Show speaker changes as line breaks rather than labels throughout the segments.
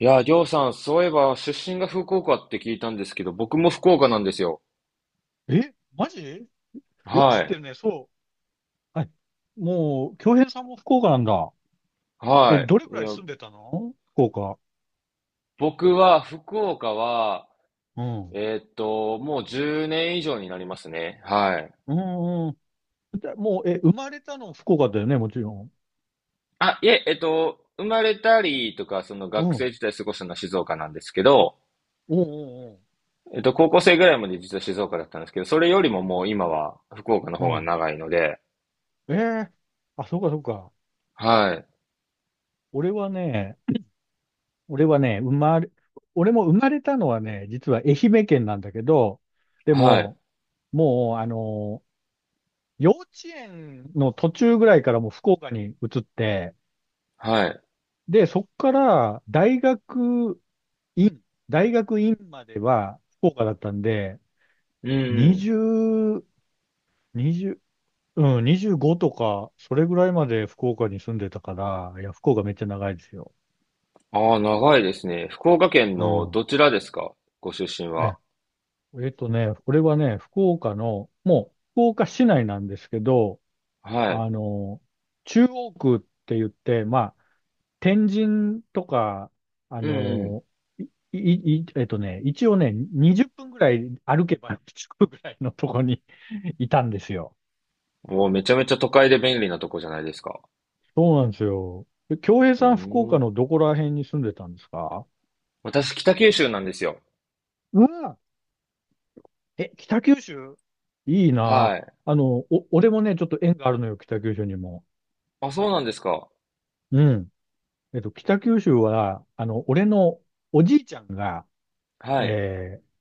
いやー、りょうさん、そういえば、出身が福岡って聞いたんですけど、僕も福岡なんですよ。
マジよく知
は
って
い。
るね。そう。はい。もう、京平さんも福岡なんだ。え、
は
どれく
い。い
らい
や、
住んでたの福岡。
僕は、福岡は、
うん。
もう10年以上になりますね。はい。
うんうだもう、え、生まれたの福岡だよね、もちろん。
あ、いえ、生まれたりとか、その
う
学
ん。
生時代過ごしたのは静岡なんですけど、
うんうん
高校生ぐらいまで実は静岡だったんですけど、それよりももう今は福岡の
う
方
ん。
が
う
長いので、
えー、あ、そうかそうか。
はい。
俺はね、俺はね、生まれ、俺も生まれたのはね、実は愛媛県なんだけど、で
はい。
も、もう、幼稚園の途中ぐらいからもう福岡に移って、
はい。
で、そこから院、大学院までは福岡だったんで、
うんうん。
20、20、うん、25とか、それぐらいまで福岡に住んでたから、いや、福岡めっちゃ長いですよ。
ああ、長いですね。福岡県
う
の
ん。
どちらですか？ご出身は。
え、これはね、福岡の、もう福岡市内なんですけど、
はい。
あの、中央区って言って、まあ、天神とか、あ
うん
の、い、い、いえっとね、一応ね、20分ぐらい歩けば着くぐらいのとこに いたんですよ。
うん。もうめちゃめちゃ都会で便利なとこじゃないですか。
そうなんですよ。え京平
う
さん、福
ー
岡
ん。
のどこら辺に住んでたんですか？
私、北九州なんですよ。
うわ、え、北九州いいな。
はい。
俺もね、ちょっと縁があるのよ、北九州にも。
あ、そうなんですか。
うん。えっと、北九州は、あの、俺のおじいちゃんが、
はい。
えー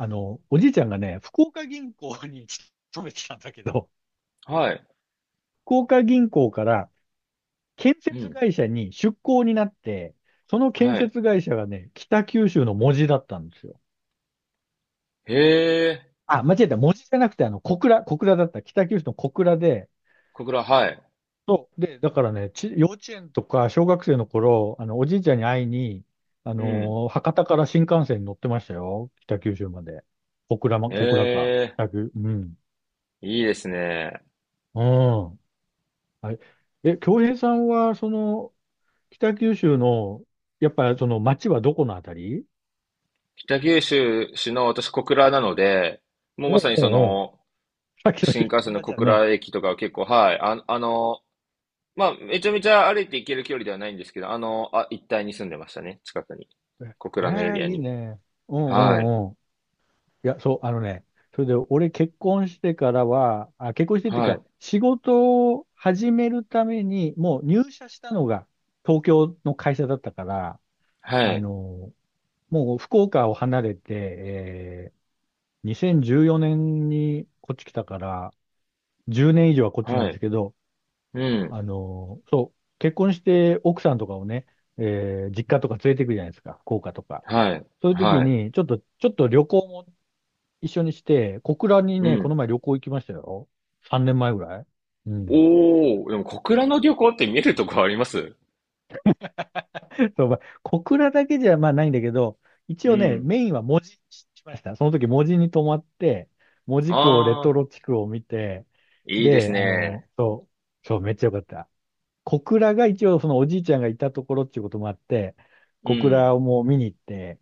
あの、おじいちゃんがね、福岡銀行に勤めてたんだけど、
はい。
福岡銀行から建
う
設
ん。
会社に出向になって、その建
はい。
設会社がね、北九州の門司だったんですよ。
へえ。
あ、間違えた。門司じゃなくて、あの、小倉だった。北九州の小倉で、
小倉、はい。
そう。で、だからね、幼稚園とか小学生の頃、あの、おじいちゃんに会いに、あ
うん。
のー博多から新幹線に乗ってましたよ。北九州まで。
へ
小倉か。
え。
うん。
いいですね。
うん。はい。え、京平さんは、その、北九州の、やっぱりその町はどこのあたり？
北九州市の私、小倉なので、もう
お
ま
う
さにそ
おうおう。
の、
さっきの
新
色
幹線の
同じ
小
だね。
倉駅とかは結構、はい。あ、まあ、めちゃめちゃ歩いて行ける距離ではないんですけど、あ、一帯に住んでましたね。近くに。
え
小
え
倉のエ
ー、
リア
いい
に。
ね。うんう
はい。
んうん。いや、そう、あのね、それで俺結婚してからは、あ、結婚してっていう
は
か、
い。
仕事を始めるために、もう入社したのが東京の会社だったから、
は
あ
い。
の、もう福岡を離れて、えー、2014年にこっち来たから、10年以上はこっちな
は
んです
い。
けど、
うん。
あの、そう、結婚して奥さんとかをね、えー実家とか連れて行くじゃないですか、福岡とか。
はい。
そういう時
はい。
に、ちょっと旅行も一緒にして、小倉に
う
ね、こ
ん。
の前旅行行きましたよ。3年前ぐらい。うん。
おー、でも小倉の漁港って見るとこあります？
そう、まあ小倉だけじゃまあないんだけど、一
う
応ね、
ん。
メインは門司にしました。その時門司に泊まって、門司港レ
あ
ト
あ、
ロ地区を見て、
いいです
で、あの、
ね。
そう、めっちゃ良かった。小倉が一応そのおじいちゃんがいたところっていうこともあって、
う
小倉
ん。
をもう見に行って、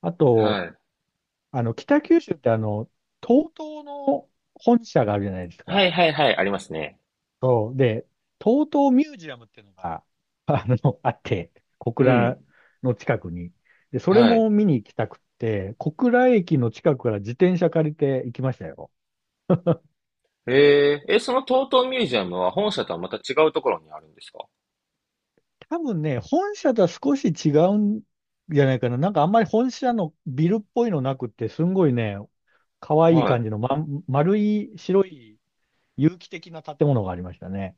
あと、
はい。
あの、北九州ってあの、TOTO の本社があるじゃないです
は
か。
いはいはい、ありますね。
そう。で、TOTO ミュージアムっていうのが、あの、あって、小
う
倉
ん。
の近くに。で、それ
はい。
も見に行きたくって、小倉駅の近くから自転車借りて行きましたよ。
その TOTO ミュージアムは本社とはまた違うところにあるんですか？
多分ね、本社とは少し違うんじゃないかな。なんかあんまり本社のビルっぽいのなくって、すんごいね、可愛い
はい。
感じの、ま、丸い白い有機的な建物がありましたね。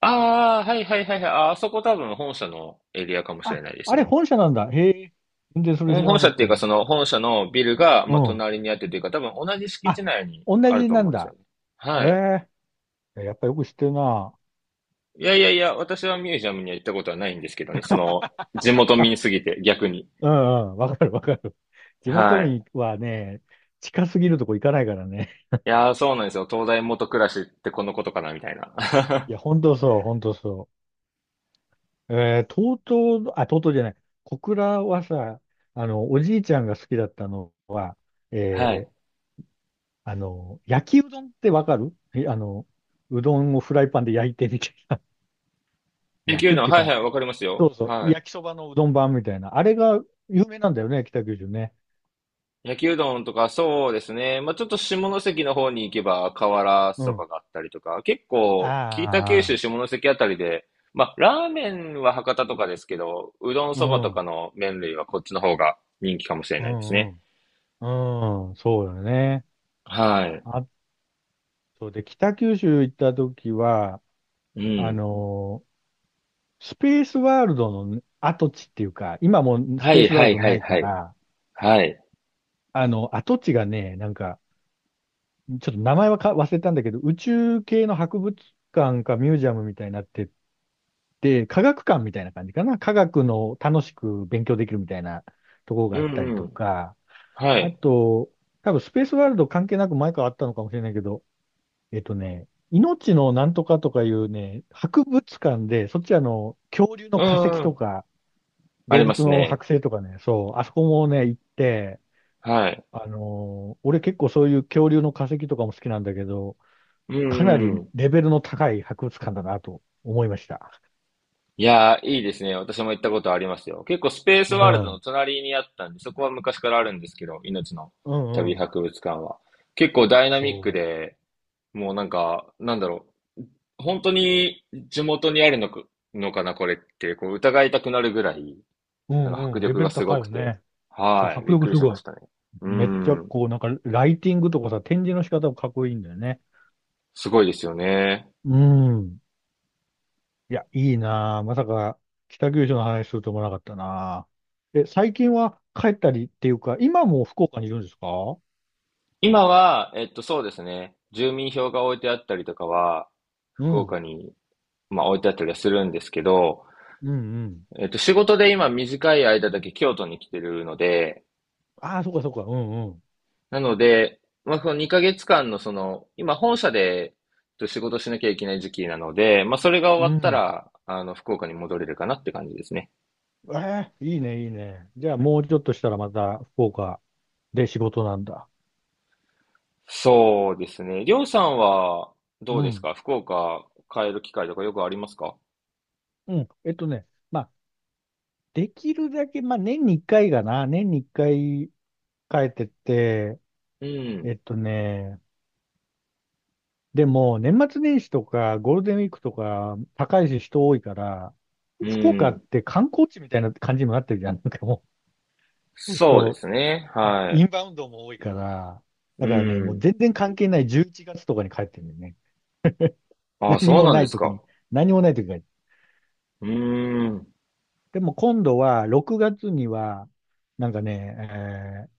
ああ、はいはいはいはい。あ、あそこ多分本社のエリアかもしれ
あ、
ないです
あれ
ね。
本社なんだ。へえ、全然それ知
本
ら
本
なく
社
っ
っていうか、
て。
その本社のビルが、
う
まあ、
ん。
隣にあってというか、多分同じ敷地
あ、
内に
同
ある
じ
と
な
思
ん
うんですよ
だ。
ね。はい。
ええ、やっぱよく知ってるな。
いやいやいや、私はミュージアムには行ったことはないんですけどね。地元民すぎて逆に。
うんうん、わかるわかる。地元
はい。
民はね、近すぎるとこ行かないからね。
いやー、そうなんですよ。東大元暮らしってこのことかな、みたいな。
い や、本当そう。えー、とうとうあ、とうとうじゃない、小倉はさ、あの、おじいちゃんが好きだったのは、
はい。
えー、あの、焼きうどんってわかる？えあの、うどんをフライパンで焼いてみたいな。
琉
焼
球う
くっ
どん、
ていう
はい
か、
はい、わかりますよ。
そうそう、
はい。
焼きそばのうどん版みたいな。あれが有名なんだよね、北九州ね。
焼きうどんとか、そうですね。まあ、ちょっと下関の方に行けば、瓦
う
そ
ん。
ばがあったりとか、結構、北九州
ああ、
下関あたりで、まあ、ラーメンは博多とかですけど、うどん
う
そばとか
ん、
の麺類はこっちの方が人気かもしれ
う
ないです
ん、
ね。
うそうだね。
はい。
あとで、北九州行った時は、
う
あ
ん。
のースペースワールドの跡地っていうか、今もうス
は
ペー
い
スワー
は
ル
い
ド
は
な
い
い
は
か
い。
ら、
はい。
あの、跡地がね、なんか、ちょっと名前は忘れたんだけど、宇宙系の博物館かミュージアムみたいになってて、科学館みたいな感じかな。科学の楽しく勉強できるみたいなところが
う
あったり
んう
と
ん。
か、
は
あ
い。
と、多分スペースワールド関係なく前からあったのかもしれないけど、えっとね、命のなんとかとかいうね、博物館で、そっちあの、恐竜の
う
化石
んう
と
ん。
か、
あり
動
ま
物
す
の
ね。
剥製とかね、そう、あそこもね、行って、
はい。
あのー俺結構そういう恐竜の化石とかも好きなんだけど、
う
かなり
ん
レベルの高い博物館だなと思いました。
いやー、いいですね。私も行ったことありますよ。結構スペース
う
ワールドの
ん。
隣にあったんで、そこは昔からあるんですけど、命の
う
旅
んうん。
博物館は。結構ダイナミック
そ
で、もうなんか、なんだろう。本当に地元にあるのか、のかな、これって、こう疑いたくなるぐらい、
う。
なんか迫
うん。レ
力
ベ
が
ル
すご
高い
く
よ
て。
ね。そう、
はい。
迫
びっ
力
く
す
りしま
ごい。
したね。う
めっちゃ
ん。
こう、なんかライティングとかさ、展示の仕方もかっこいいんだよね。
すごいですよね。
うん。いや、いいなあまさか北九州の話すると思わなかったなあ。え、最近は帰ったりっていうか、今も福岡にいるんですか？
今は、そうですね。住民票が置いてあったりとかは、
う
福
ん。
岡に、まあ、置いてあったりはするんですけど、
うんうん。
仕事で今短い間だけ京都に来てるので、
ああ、そっかそっか。うんうん。
なので、まあ、その2ヶ月間のその、今本社で仕事しなきゃいけない時期なので、まあ、それが終
う
わった
ん。
ら、福岡に戻れるかなって感じですね。
ええ、いいね。じゃあもうちょっとしたらまた福岡で仕事なんだ。
そうですね。りょうさんはど
う
うです
ん。
か？福岡帰る機会とかよくありますか？
うん。えっとね、まあ、できるだけ、まあ、年に一回帰ってって、
う
え
ん。
っとね、でも、年末年始とか、ゴールデンウィークとか、高いし人多いから、
う
福岡っ
ん。
て観光地みたいな感じにもなってるじゃん。なんかもう、
そうで
そ
すね。
う
はい。
インバウンドも多いから、
う
だからね、もう
ん。
全然関係ない11月とかに帰ってるんだよね。
ああ、
何
そう
も
なん
な
で
い
す
時に、
か。
何もない時に帰って。
うーん。
でも今度は6月には、なんかね、えー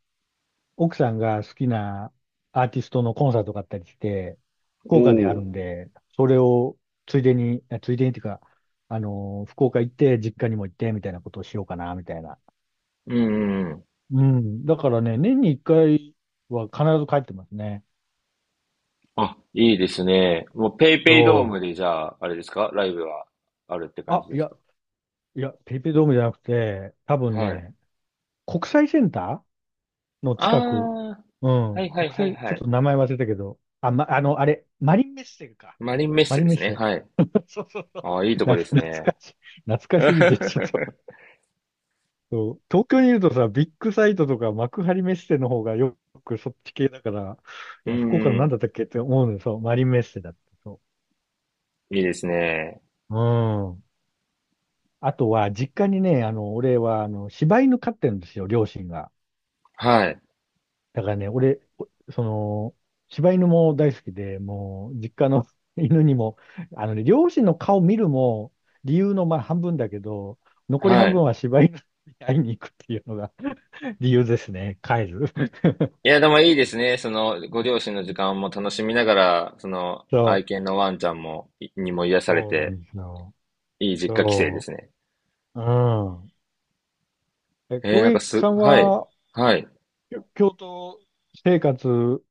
奥さんが好きなアーティストのコンサートがあったりして、
お
福岡である
お。
んで、それをついでに、えついでにっていうか、あのー福岡行って、実家にも行って、みたいなことをしようかな、みたいな。
うんうんうん。
うん。だからね、年に1回は必ず帰ってますね。
あ、いいですね。もうペイペイドー
そ
ムでじゃあ、あれですかライブはあるって
う。
感じですか？
いや、ペイペイドームじゃなくて、多分
はい。
ね、国際センターの
あ
近く。
あ、
う
は
ん。
いはい
国
はい
際、ち
は
ょっ
い。
と名前忘れたけど。あ、ま、あの、あれ、マリンメッセか。
マリンメッ
マ
セ
リン
で
メッ
すね。
セ。
はい。
そうそうそう。
ああ、いいとこです
懐
ね。
かしい。懐 かしすぎて、ちょっとそう。東京にいるとさ、ビッグサイトとか幕張メッセの方がよくそっち系だから、い
う
や、福岡のなんだ
ん
ったっけって思うのよ。そう、マリンメッセだった。そ
いいですね。
う。うん。あとは、実家にね、あの、俺は、あの、柴犬飼ってるんですよ、両親が。
はい。
だからね、俺、おその、柴犬も大好きで、もう、実家の 犬にも、あのね、両親の顔見るも、理由のまあ半分だけど、残り
は
半分
い。
は柴犬に会いに行くっていうのが 理由ですね、帰る。
いや、でもいいですね。その、ご両親の時間も楽しみながら、その、
そ
愛
う、
犬のワンちゃんも、いにも癒され
そうなん
て、
ですよ。
いい実家帰省で
そ
すね。
う、うん。え、
えー、
京
なんか
平
す、
さん
はい。
は、
はい。
京都生活、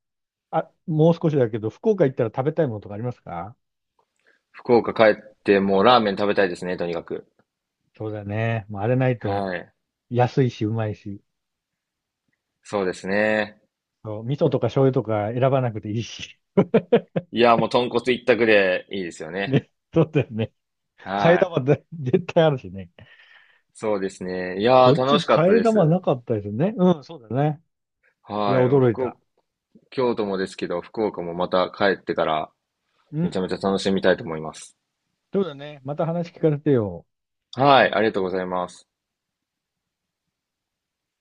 あ、もう少しだけど、福岡行ったら食べたいものとかありますか？
福岡帰って、もうラーメン食べたいですね、とにかく。
そうだね。もうあれないと、
はい。
安いし、うまいし。
そうですね。
そう、味噌とか醤油とか選ばなくていいし。
いや、もう豚骨一択でいいですよね。
ね。そうだよね。替え
はい。
玉で 絶対あるしね。
そうですね。いや
こ
ー、
っち
楽しかった
替
で
え玉
す。
なかったですね。うん、そうだね。いや、
はい。
驚い
福岡、
た。
京都もですけど、福岡もまた帰ってから
う
めちゃ
ん。
めちゃ楽しみたいと思います。
そうだね。また話聞かせてよ。
はい。ありがとうございます。